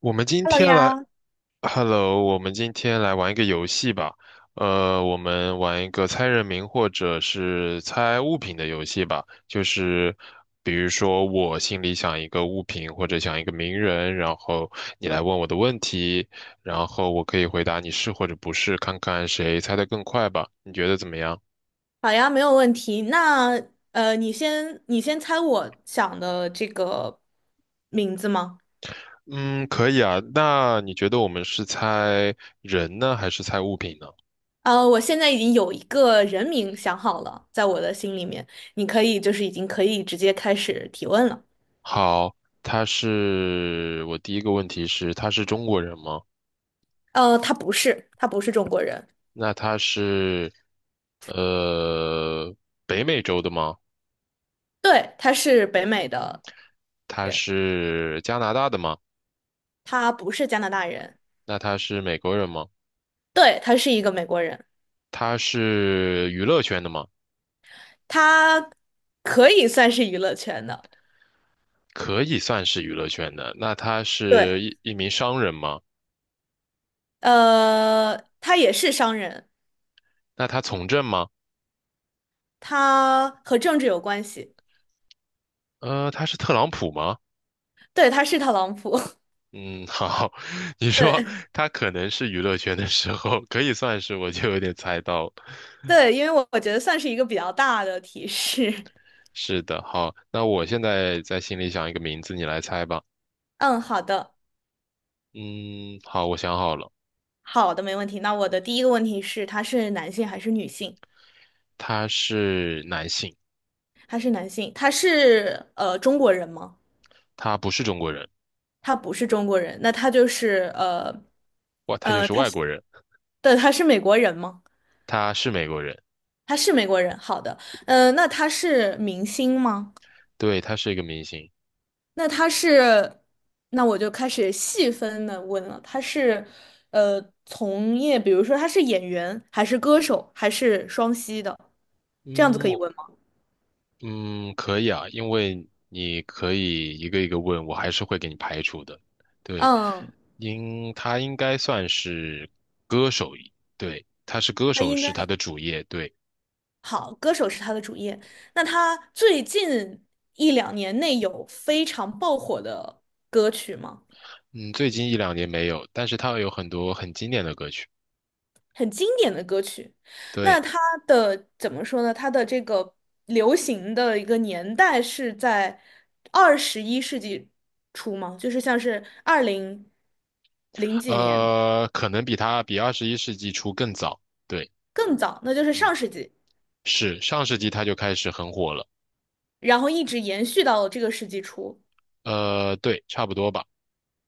我们今 Hello 天来呀，，Hello，我们今天来玩一个游戏吧。我们玩一个猜人名或者是猜物品的游戏吧。就是比如说，我心里想一个物品或者想一个名人，然后你来问我的问题，然后我可以回答你是或者不是，看看谁猜的更快吧。你觉得怎么样？好呀，没有问题。那你先猜我想的这个名字吗？嗯，可以啊。那你觉得我们是猜人呢，还是猜物品呢？我现在已经有一个人名想好了，在我的心里面，你可以就是已经可以直接开始提问了。好，我第一个问题是，他是中国人吗？他不是，他不是中国人，那他是，呃，北美洲的吗？对，他是北美的他人，是加拿大的吗？他不是加拿大人，那他是美国人吗？对，他是一个美国人，他是娱乐圈的吗？他可以算是娱乐圈的，可以算是娱乐圈的。那他是对，一名商人吗？他也是商人。那他从政吗？他和政治有关系，他是特朗普吗？对，他是特朗普，嗯，好，你 说对他可能是娱乐圈的时候，可以算是，我就有点猜到。对，因为我觉得算是一个比较大的提示。是的，好，那我现在在心里想一个名字，你来猜吧。嗯，好的，嗯，好，我想好了，好的，没问题。那我的第一个问题是，他是男性还是女性？他是男性，他是男性，他是中国人吗？他不是中国人，他不是中国人，那他就是哇，他就是他外是国人，对，他是美国人吗？他是美国人，他是美国人，好的，那他是明星吗？对，他是一个明星。那他是，那我就开始细分的问了，他是，呃，从业，比如说他是演员，还是歌手，还是双栖的，这样子嗯，可以问吗？可以啊，因为你可以一个一个问，我还是会给你排除的。对，嗯，他应该算是歌手，对，他是歌他手应该是他的主业，对，好，歌手是他的主业。那他最近一两年内有非常爆火的歌曲吗？嗯，最近一两年没有，但是他有很多很经典的歌曲，很经典的歌曲。那对。它的怎么说呢？它的这个流行的一个年代是在21世纪初吗？就是像是200几年可能比21世纪初更早。对，更早，那就是嗯，上世纪，是上世纪他就开始很火了。然后一直延续到这个世纪初。对，差不多吧。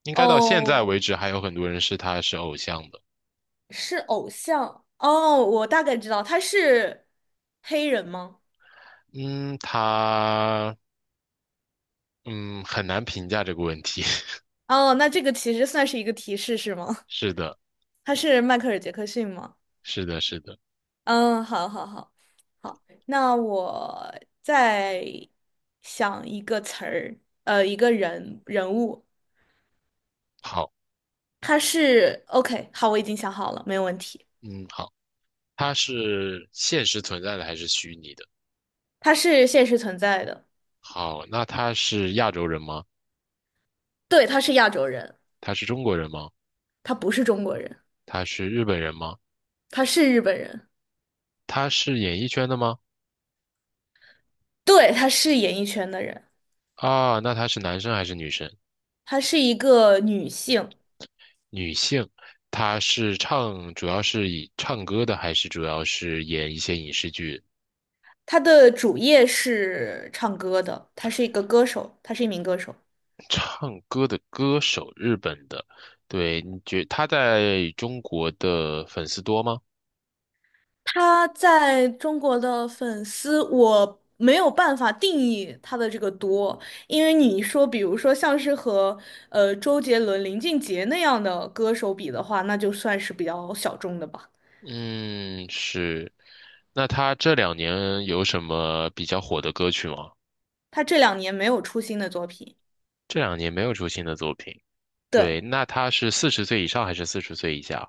应该到现在为哦，止，还有很多人是他是偶像的。是偶像。哦，我大概知道，他是黑人吗？嗯，他嗯很难评价这个问题。哦，那这个其实算是一个提示，是吗？是的，他是迈克尔·杰克逊吗？是的，是的。嗯，好，那我再想一个词儿，一个人物，好，他是 OK，好，我已经想好了，没有问题，嗯，好，他是现实存在的还是虚拟的？他是现实存在的，好，那他是亚洲人吗？对，他是亚洲人，他是中国人吗？他不是中国人，他是日本人吗？他是日本人，他是演艺圈的吗？对，他是演艺圈的人，啊，那他是男生还是女生？他是一个女性，女性，她是唱，主要是以唱歌的，还是主要是演一些影视剧？他的主业是唱歌的，他是一个歌手，他是一名歌手。唱歌的歌手，日本的，对，你觉她在中国的粉丝多吗？他在中国的粉丝，我没有办法定义他的这个多，因为你说，比如说像是和周杰伦、林俊杰那样的歌手比的话，那就算是比较小众的吧。嗯，是。那她这两年有什么比较火的歌曲吗？他这两年没有出新的作品，这两年没有出新的作品。对，对，那她是四十岁以上还是四十岁以下？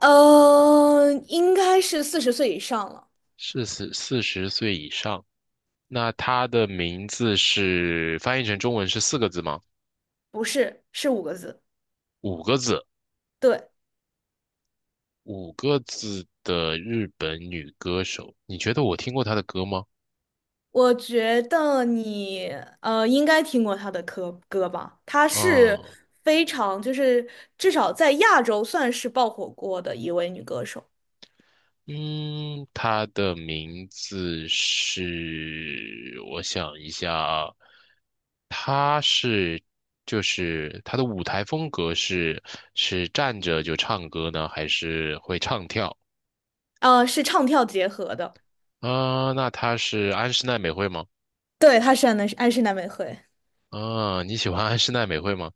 应该是40岁以上了，是四十岁以上。那她的名字是翻译成中文是四个字吗？不是，是5个字，五个字，对，五个字的日本女歌手，你觉得我听过她的歌吗？我觉得你应该听过她的歌吧，她是嗯非常就是至少在亚洲算是爆火过的一位女歌手，嗯，她的名字是，我想一下啊，她是就是她的舞台风格是站着就唱歌呢，还是会唱跳？是唱跳结合的，啊、那她是安室奈美惠吗？对，她是安室奈美惠，啊、你喜欢安室奈美惠吗？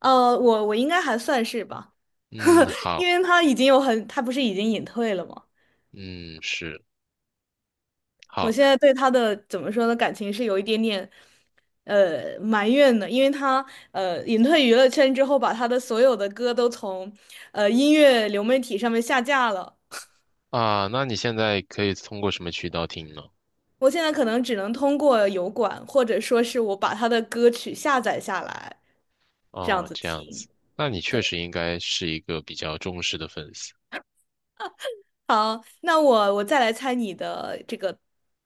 我应该还算是吧，嗯，好，因为她已经有很，她不是已经隐退了吗？嗯，是。我好。现在对他的怎么说呢，感情是有一点点，埋怨的，因为他隐退娱乐圈之后，把他的所有的歌都从音乐流媒体上面下架了。啊，那你现在可以通过什么渠道听呢？我现在可能只能通过油管，或者说是我把他的歌曲下载下来，这样哦，子这样子，听。那你确对，实应该是一个比较忠实的粉丝。好，那我再来猜你的这个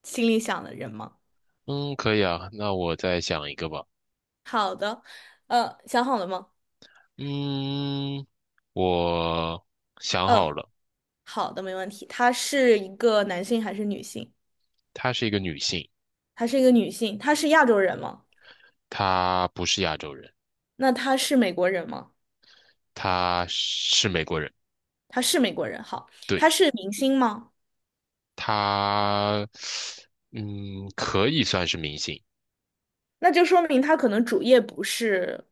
心里想的人吗？嗯，可以啊，那我再想一个吧。好的，想好了吗？嗯，我想好嗯，了，好的，没问题。他是一个男性还是女性？她是一个女性，她是一个女性，她是亚洲人吗？她不是亚洲人，那她是美国人吗？她是美国人。她是美国人，好，对，她是明星吗？她，可以算是明星。那就说明她可能主业不是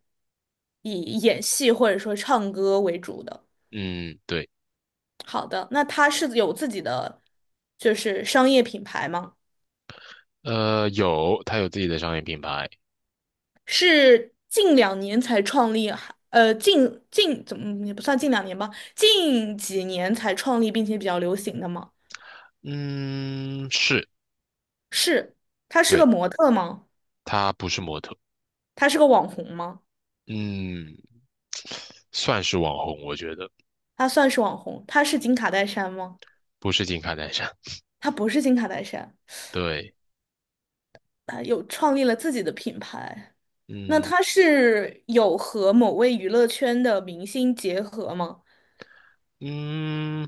以演戏或者说唱歌为主的。嗯，对，好的，那她是有自己的就是商业品牌吗？有，她有自己的商业品牌。是近两年才创立，还呃，近近怎么嗯也不算近两年吧，近几年才创立并且比较流行的吗？嗯，是，是，她是个对，模特吗？她不是模特。她是个网红吗？嗯，算是网红，我觉得他算是网红，他是金卡戴珊吗？不是金卡戴珊。他不是金卡戴珊，对，他有创立了自己的品牌。那嗯他是有和某位娱乐圈的明星结合吗？嗯，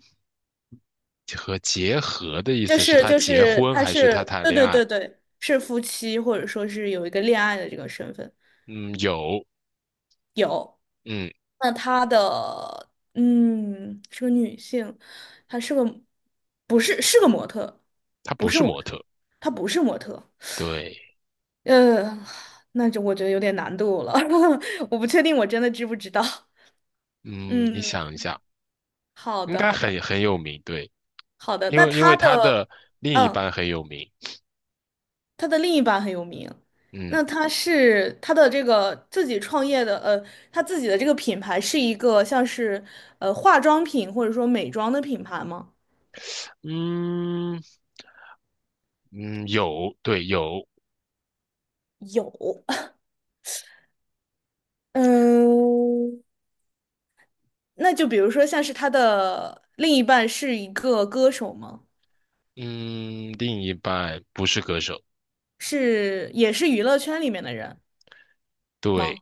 和结合的意就思是是他就结是，婚他还是他是谈对恋对爱？对对，是夫妻或者说是有一个恋爱的这个身份。嗯，有，有，嗯，那他的是个女性，她是个不是是个模特，他不不是是模模特，特。她不是模特。对，呃，那就我觉得有点难度了，我不确定我真的知不知道。嗯，你嗯，想一下，好应的，该好的，很有名。对，好的。因那为因他为他的，的另一嗯，半很有名。他的另一半很有名，嗯那他是他的这个自己创业的，他自己的这个品牌是一个像是化妆品或者说美妆的品牌吗？嗯嗯，有，对，有，有，嗯，那就比如说像是他的另一半是一个歌手吗？嗯，另一半不是歌手。是，也是娱乐圈里面的人对，吗？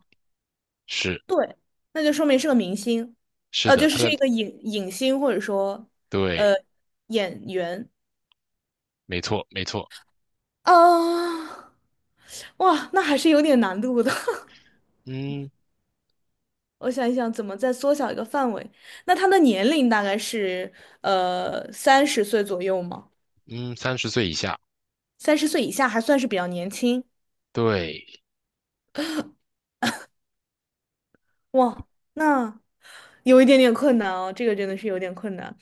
是对，那就说明是个明星，是的，就是是一个影星或者说呃对。演员没错，没错，啊，哇，那还是有点难度的。嗯我想一想，怎么再缩小一个范围？那他的年龄大概是三十岁左右吗？嗯，30岁以下，三十岁以下还算是比较年轻。对，哇，那有一点点困难哦，这个真的是有点困难。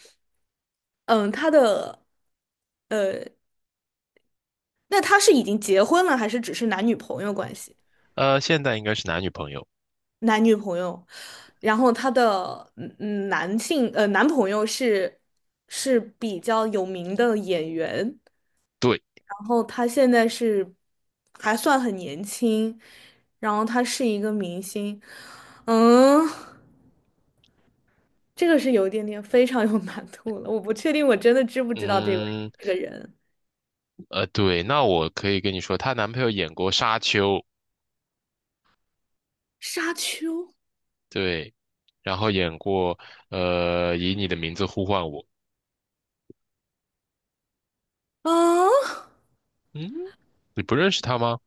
嗯，他的呃，那他是已经结婚了，还是只是男女朋友关系？现在应该是男女朋友，男女朋友，然后她的男朋友是是比较有名的演员，对，然后她现在是还算很年轻，然后她是一个明星，嗯，这个是有一点点非常有难度了，我不确定我真的知不知道这位嗯，这个人，对，那我可以跟你说，她男朋友演过《沙丘》，沙丘，对，然后演过《以你的名字呼唤我》，嗯，嗯，你不认识他吗？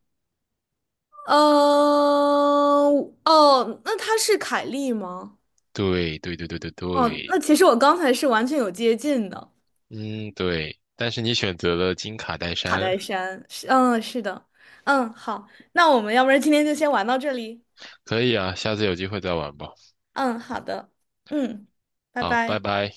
呃，哦，那她是凯莉吗？对，对，对，对，对，哦，对，那其实我刚才是完全有接近的，嗯，对，但是你选择了金卡戴卡珊，戴珊是，嗯，是的，嗯，好，那我们要不然今天就先玩到这里，可以啊，下次有机会再玩吧，嗯，好的，嗯，拜好，拜拜。拜。